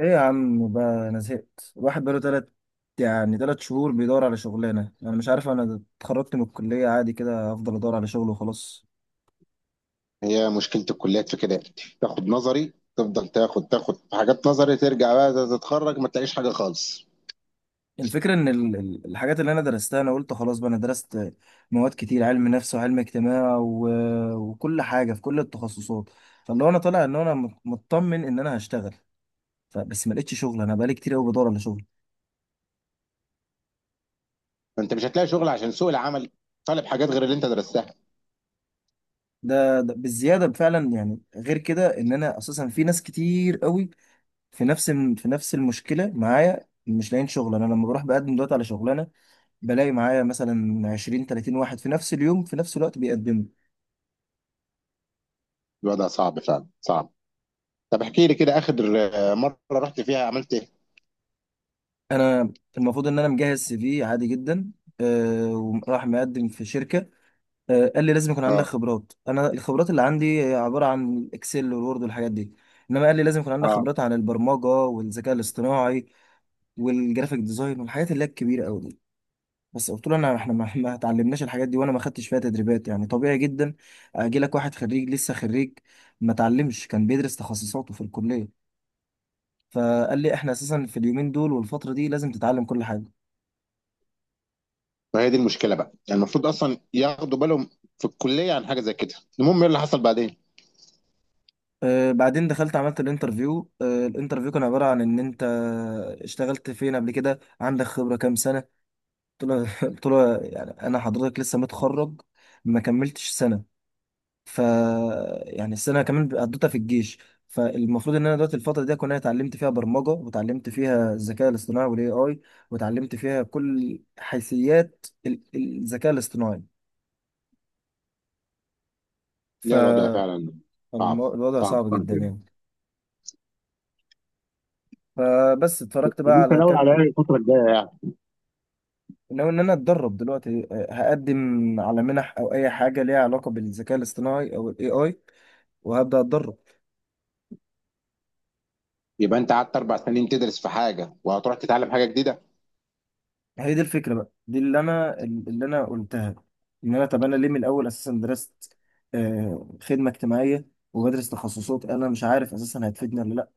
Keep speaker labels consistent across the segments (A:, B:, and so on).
A: ايه يا عم بقى، انا زهقت. الواحد بقاله تلات، يعني تلات شهور بيدور على شغلانه. انا مش عارف، انا اتخرجت من الكليه عادي كده. افضل ادور على شغل وخلاص.
B: هي مشكلة الكليات في كده. تاخد نظري، تفضل تاخد في حاجات نظري، ترجع بقى تتخرج ما تلاقيش حاجة خالص.
A: الفكره ان الحاجات اللي انا درستها، انا قلت خلاص بقى انا درست مواد كتير، علم نفس وعلم اجتماع و... وكل حاجه في كل التخصصات. فاللي هو انا طالع ان انا مطمن ان انا هشتغل، فبس ما لقيتش شغل. انا بقالي كتير قوي بدور على شغل.
B: فانت مش هتلاقي شغل عشان سوق العمل طالب حاجات غير اللي انت درستها.
A: ده بالزياده فعلا، يعني غير كده ان انا اساسا في ناس كتير قوي في في نفس المشكله معايا، مش لاقيين شغل. انا لما بروح بقدم دلوقتي على شغلانه، بلاقي معايا مثلا 20 30 واحد في نفس اليوم في نفس الوقت بيقدموا.
B: الوضع صعب فعلا صعب. طب احكي لي كده اخر، آه، مرة رحت فيها عملت ايه؟
A: انا المفروض ان انا مجهز سي في عادي جدا. أه، وراح مقدم في شركه. أه، قال لي لازم يكون عندك
B: اه.
A: خبرات. انا الخبرات اللي عندي هي عباره عن الاكسل والوورد والحاجات دي، انما قال لي لازم يكون عندك
B: اه.
A: خبرات عن البرمجه والذكاء الاصطناعي والجرافيك ديزاين والحاجات اللي هي الكبيره قوي. بس قلت له، انا احنا ما، ما اتعلمناش الحاجات دي، وانا ما خدتش فيها تدريبات. يعني طبيعي جدا، اجي لك واحد خريج، لسه خريج، ما اتعلمش، كان بيدرس تخصصاته في الكليه. فقال لي احنا اساسا في اليومين دول والفتره دي لازم تتعلم كل حاجه.
B: فهي دي المشكلة بقى، يعني المفروض اصلا ياخدوا بالهم في الكلية عن حاجة زي كده. المهم ايه اللي حصل بعدين؟
A: أه، بعدين دخلت عملت الانترفيو. أه، الانترفيو كان عباره عن ان انت اشتغلت فين قبل كده، عندك خبره كام سنه. قلت له قلت له يعني، انا حضرتك لسه متخرج، ما كملتش سنه. ف يعني السنه كمان قضيتها في الجيش. فالمفروض ان انا دلوقتي الفتره دي اكون انا اتعلمت فيها برمجه، وتعلمت فيها الذكاء الاصطناعي والاي اي، وتعلمت فيها كل حيثيات الذكاء الاصطناعي.
B: لا، الوضع
A: فالوضع
B: فعلا صعب. صعب
A: صعب
B: صعب
A: جدا
B: يعني.
A: يعني. فبس اتفرجت
B: طب
A: بقى
B: انت
A: على
B: ناوي على ايه
A: كام.
B: الفترة الجاية يعني؟
A: ناوي ان انا اتدرب دلوقتي. أه، هقدم على منح او اي حاجه ليها علاقه بالذكاء الاصطناعي او الاي اي، وهبدا اتدرب.
B: يبقى انت قعدت اربع سنين تدرس في حاجة وهتروح تتعلم حاجة جديدة.
A: هي دي الفكرة بقى، دي اللي أنا، اللي أنا قلتها. إن أنا، طب أنا ليه من الأول أساسا درست، آه، خدمة اجتماعية، وبدرس تخصصات أنا مش عارف أساسا هتفيدني ولا لأ؟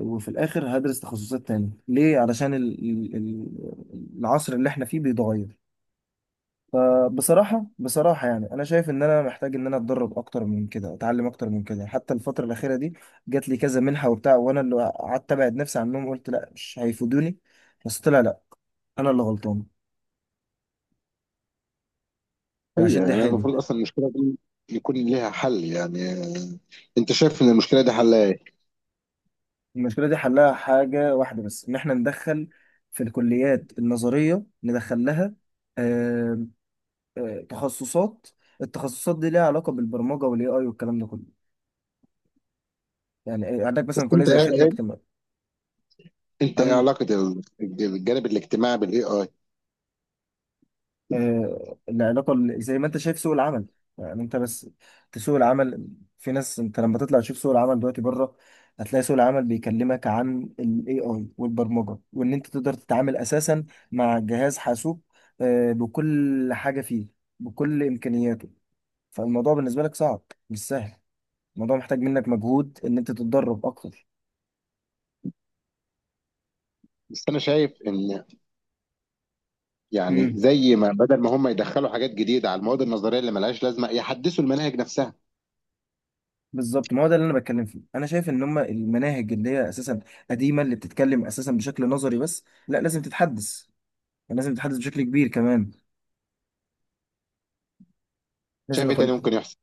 A: وفي الآخر هدرس تخصصات تانية ليه؟ علشان العصر اللي إحنا فيه بيتغير. فبصراحة بصراحة يعني، أنا شايف إن أنا محتاج إن أنا أتدرب أكتر من كده، أتعلم أكتر من كده. حتى الفترة الأخيرة دي جات لي كذا منحة وبتاع، وأنا اللي قعدت أبعد نفسي عنهم، قلت لأ مش هيفيدوني. بس طلع لأ، أنا اللي غلطان،
B: هي
A: وهشد
B: يعني
A: حيلي.
B: المفروض اصلا المشكله دي يكون ليها حل يعني. انت شايف ان المشكله دي حلها ايه؟
A: المشكلة دي حلها حاجة واحدة بس، إن إحنا ندخل في الكليات النظرية ندخل لها، آم، آه، تخصصات. التخصصات دي ليها علاقة بالبرمجة والاي اي والكلام ده كله. يعني إيه، عندك
B: بس
A: مثلا كلية
B: انت
A: زي
B: ايه
A: خدمة اجتماعية.
B: انت ايه علاقه الجانب الاجتماعي بالاي اي؟
A: آه، العلاقة زي ما انت شايف سوق العمل، يعني انت بس في سوق العمل، في ناس، انت لما تطلع تشوف سوق العمل دلوقتي بره، هتلاقي سوق العمل بيكلمك عن ال AI والبرمجة، وان انت تقدر تتعامل اساسا مع جهاز حاسوب، آه، بكل حاجة فيه، بكل امكانياته. فالموضوع بالنسبة لك صعب، مش سهل. الموضوع محتاج منك مجهود ان انت تتدرب اكتر.
B: بس انا شايف ان، يعني زي ما بدل ما هم يدخلوا حاجات جديده على المواد النظريه اللي ملهاش لازمه، يحدثوا المناهج نفسها.
A: بالظبط، ما هو ده اللي انا بتكلم فيه. انا شايف ان هم المناهج اللي هي اساسا قديمه، اللي بتتكلم اساسا بشكل نظري بس، لا لازم تتحدث، لازم تتحدث بشكل كبير كمان. لازم
B: شايف ايه
A: يكون
B: تاني ممكن يحصل؟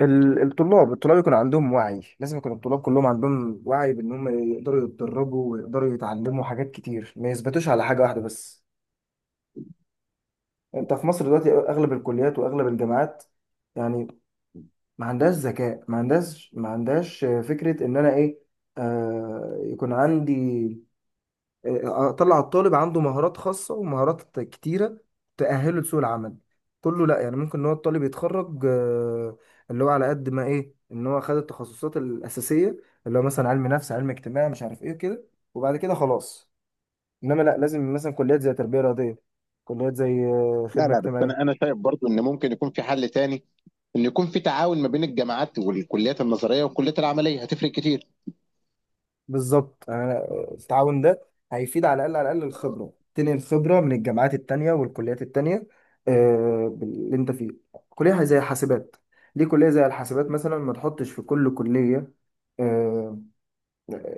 A: الطلاب يكون عندهم وعي. لازم يكون الطلاب كلهم عندهم وعي بان هم يقدروا يتدربوا، ويقدروا يتعلموا حاجات كتير، ما يثبتوش على حاجه واحده بس. انت في مصر دلوقتي اغلب الكليات واغلب الجامعات، يعني، ما عندهاش ذكاء، ما عندهاش فكره ان انا ايه، آه، يكون عندي، اطلع الطالب عنده مهارات خاصه ومهارات كتيره تاهله لسوق العمل. كله لا، يعني ممكن ان هو الطالب يتخرج، آه، اللي هو على قد ما ايه، ان هو خد التخصصات الاساسيه، اللي هو مثلا علم نفس، علم اجتماع، مش عارف ايه كده، وبعد كده خلاص. انما لا، لازم مثلا كليات زي تربيه رياضيه، كليات زي، آه،
B: لا
A: خدمه
B: لا، بس
A: اجتماعيه.
B: انا شايف برضو ان ممكن يكون في حل تاني، ان يكون في تعاون ما بين الجامعات والكليات النظريه والكليات العمليه هتفرق كتير.
A: بالظبط، التعاون ده هيفيد. على الأقل، على الأقل الخبرة تنقل، الخبرة من الجامعات التانية والكليات التانية، آه، اللي أنت فيه، كلية زي حاسبات. ليه كلية زي الحاسبات مثلا ما تحطش في كل كلية، آه،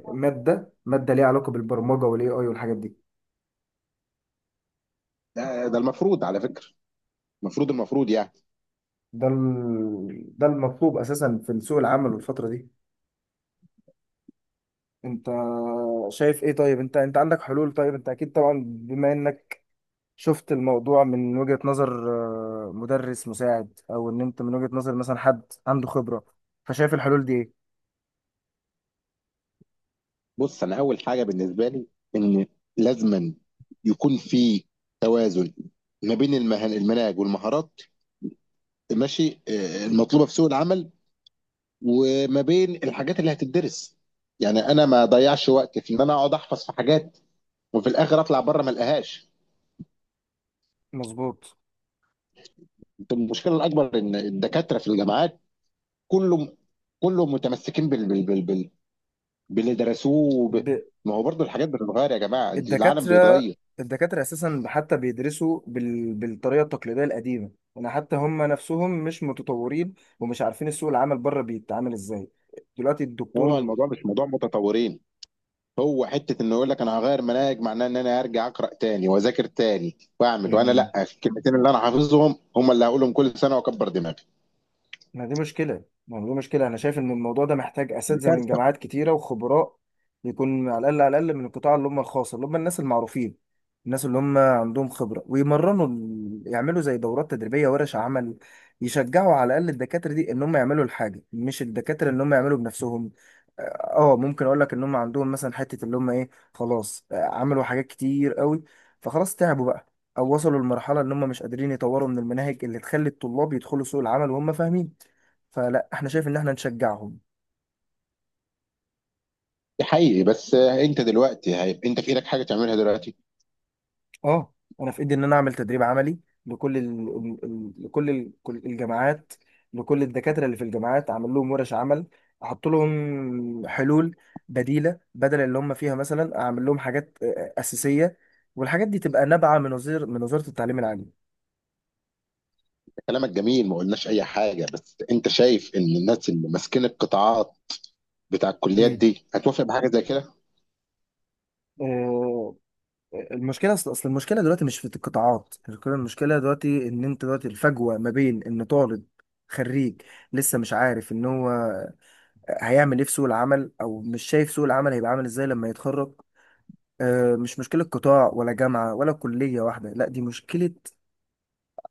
A: مادة مادة ليها علاقة بالبرمجة والاي اي والحاجات دي؟
B: ده المفروض على فكره، المفروض يعني.
A: ده المطلوب أساسا في سوق العمل والفترة دي. أنت شايف إيه؟ طيب أنت، أنت عندك حلول؟ طيب أنت أكيد طبعا، بما إنك شفت الموضوع من وجهة نظر، آه، مدرس مساعد، او ان انت من وجهة نظر مثلا حد عنده خبرة، فشايف الحلول دي ايه؟
B: بص، انا اول حاجه بالنسبه لي، ان لازما يكون في توازن ما بين المناهج والمهارات، ماشي، المطلوبه في سوق العمل، وما بين الحاجات اللي هتدرس. يعني انا ما اضيعش وقت في ان انا اقعد احفظ في حاجات وفي الاخر اطلع بره ما القاهاش.
A: مظبوط.
B: المشكله الاكبر ان الدكاتره في الجامعات، كله كله متمسكين باللي درسوه.
A: ب...
B: ما هو برضه الحاجات بتتغير يا جماعه، العالم
A: الدكاترة،
B: بيتغير.
A: الدكاترة اساسا حتى بيدرسوا بالطريقة التقليدية القديمة يعني. حتى هم نفسهم مش متطورين، ومش عارفين السوق العمل بره بيتعامل ازاي دلوقتي
B: هو
A: الدكتور.
B: الموضوع مش موضوع متطورين، هو حته انه يقول لك انا هغير مناهج، معناه ان انا هرجع اقرا تاني واذاكر تاني واعمل. وانا لا، الكلمتين اللي انا حافظهم هم اللي هقولهم كل سنه واكبر دماغي.
A: ما دي مشكلة، ما دي مشكلة. أنا شايف إن الموضوع ده محتاج
B: دي
A: أساتذة من
B: كارثه.
A: جامعات كتيرة وخبراء. يكون على الأقل، على الأقل من القطاع اللي هم الخاص، اللي هم الناس المعروفين، الناس اللي هم عندهم خبرة، ويمرنوا يعملوا زي دورات تدريبية، ورش عمل، يشجعوا على الأقل الدكاترة دي إن هم يعملوا الحاجة. مش الدكاترة إن هم يعملوا بنفسهم. اه، ممكن اقول لك ان هم عندهم مثلا حته اللي هم ايه، خلاص، آه، عملوا حاجات كتير قوي، فخلاص تعبوا بقى، او وصلوا لمرحله ان هم مش قادرين يطوروا من المناهج اللي تخلي الطلاب يدخلوا سوق العمل وهم فاهمين. فلا، احنا شايف ان احنا نشجعهم.
B: دي حقيقي، بس انت دلوقتي هيبقى انت في ايدك حاجه تعملها دلوقتي؟
A: اه، انا في ايدي ان انا اعمل تدريب عملي لكل كل الجامعات، لكل الدكاتره اللي في الجامعات، اعمل لهم ورش عمل، احط لهم حلول بديله بدل اللي هم فيها. مثلا اعمل لهم حاجات، آه، اساسيه، والحاجات دي تبقى نابعه من وزير، من وزاره التعليم العالي.
B: كلامك جميل، ما قلناش اي حاجه، بس انت شايف ان الناس اللي ماسكين القطاعات بتاع الكليات
A: امم،
B: دي هتوافق بحاجه زي كده؟
A: آه، المشكله أصل المشكله دلوقتي مش في القطاعات. المشكله دلوقتي ان انت دلوقتي الفجوه ما بين ان طالب خريج لسه مش عارف ان هو هيعمل ايه في سوق العمل، او مش شايف سوق العمل هيبقى عامل ازاي لما يتخرج. آه، مش مشكلة قطاع ولا جامعة ولا كلية واحدة، لا دي مشكلة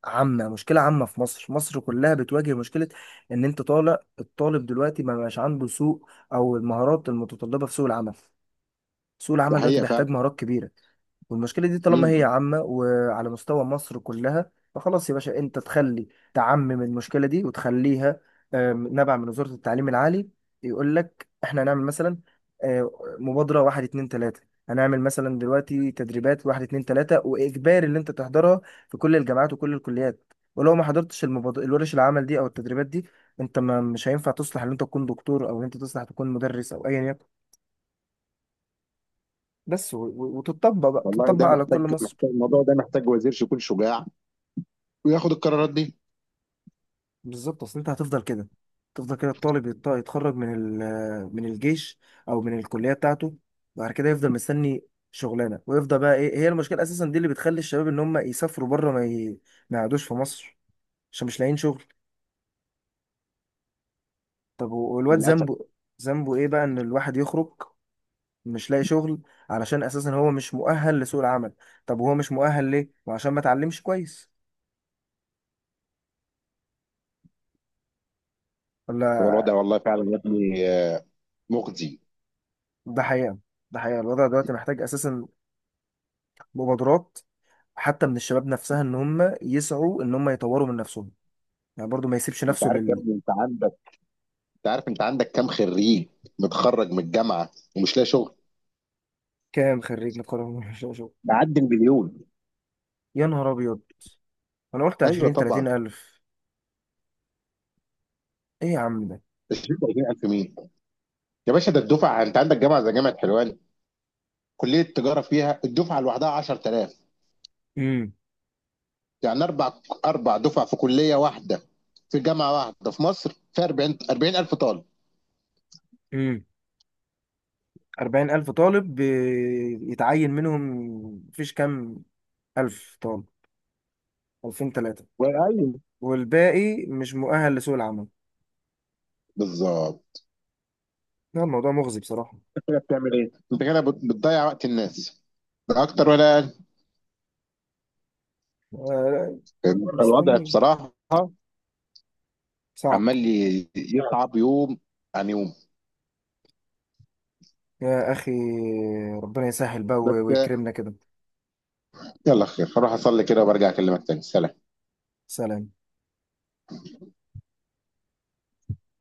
A: عامة، مشكلة عامة في مصر، مصر كلها بتواجه مشكلة. ان انت طالع الطالب دلوقتي ما بقاش عنده سوق، او المهارات المتطلبة في سوق العمل. سوق
B: ده
A: العمل دلوقتي
B: حقيقه
A: بيحتاج
B: فعلا.
A: مهارات كبيرة. والمشكلة دي طالما
B: مم.
A: هي عامة وعلى مستوى مصر كلها، فخلاص يا باشا انت تخلي، تعمم المشكلة دي وتخليها، آم، نبع من وزارة التعليم العالي. يقول لك احنا هنعمل مثلا، آه، مبادرة واحد اتنين تلاتة، هنعمل مثلا دلوقتي تدريبات واحد اتنين تلاتة، وإجباري اللي انت تحضرها في كل الجامعات وكل الكليات. ولو ما حضرتش المبادرة الورش العمل دي او التدريبات دي، انت ما، مش هينفع تصلح ان انت تكون دكتور، او ان انت تصلح تكون مدرس او ايا يكن. بس وتطبق بقى،
B: والله
A: تطبق
B: ده
A: على كل
B: محتاج
A: مصر.
B: محتاج الموضوع ده محتاج وزير يكون شجاع وياخد القرارات دي.
A: بالظبط، اصل انت هتفضل كده. تفضل كده الطالب يتخرج من من الجيش او من الكليه بتاعته، بعد كده يفضل مستني شغلانه، ويفضل بقى. ايه هي المشكله اساسا دي اللي بتخلي الشباب ان هم يسافروا بره، ما يقعدوش في مصر؟ عشان مش لاقيين شغل. طب والواد
B: للاسف.
A: ذنبه، ذنبه ايه بقى، ان الواحد يخرج مش لاقي شغل، علشان اساسا هو مش مؤهل لسوق العمل؟ طب وهو مش مؤهل ليه؟ وعشان ما اتعلمش كويس،
B: هو
A: ولا؟
B: الوضع والله فعلا يا ابني، مخزي.
A: ده حقيقه، ده حقيقه. الوضع دلوقتي محتاج اساسا مبادرات حتى من الشباب نفسها، ان هم يسعوا ان هم يطوروا من نفسهم، يعني برضو ما يسيبش
B: انت
A: نفسه
B: عارف يا
A: لل.
B: ابني، انت عندك كام خريج متخرج من الجامعه ومش لاقي شغل؟
A: كام خريج نقابة؟ شو شو.
B: بعدي المليون.
A: يا نهار ابيض، انا قلت
B: ايوه
A: 20 30
B: طبعا.
A: الف. ايه يا عم ده؟
B: 20 20000 مين يا باشا؟ ده الدفعه، انت عندك جامعه زي جامعه حلوان، كليه التجاره فيها الدفعه لوحدها 10000.
A: امم.
B: يعني اربع دفع في كليه واحده، في جامعه واحده في مصر فيها 40 40000 طالب.
A: امم. 40 الف طالب يتعين منهم، مفيش كام الف طالب، 2000 3،
B: وايوه.
A: والباقي مش مؤهل لسوق العمل؟
B: بالظبط.
A: لا، الموضوع مغزي بصراحة.
B: انت كده بتعمل ايه؟ انت كده بتضيع وقت الناس، لا اكتر ولا
A: آه، لا،
B: اقل؟ الوضع
A: مستني.
B: بصراحه
A: صعب.
B: عمال يصعب يوم عن يوم.
A: يا اخي، ربنا يسهل بقى
B: بس
A: ويكرمنا كده.
B: يلا خير، هروح اصلي كده وبرجع اكلمك تاني. سلام.
A: سلام.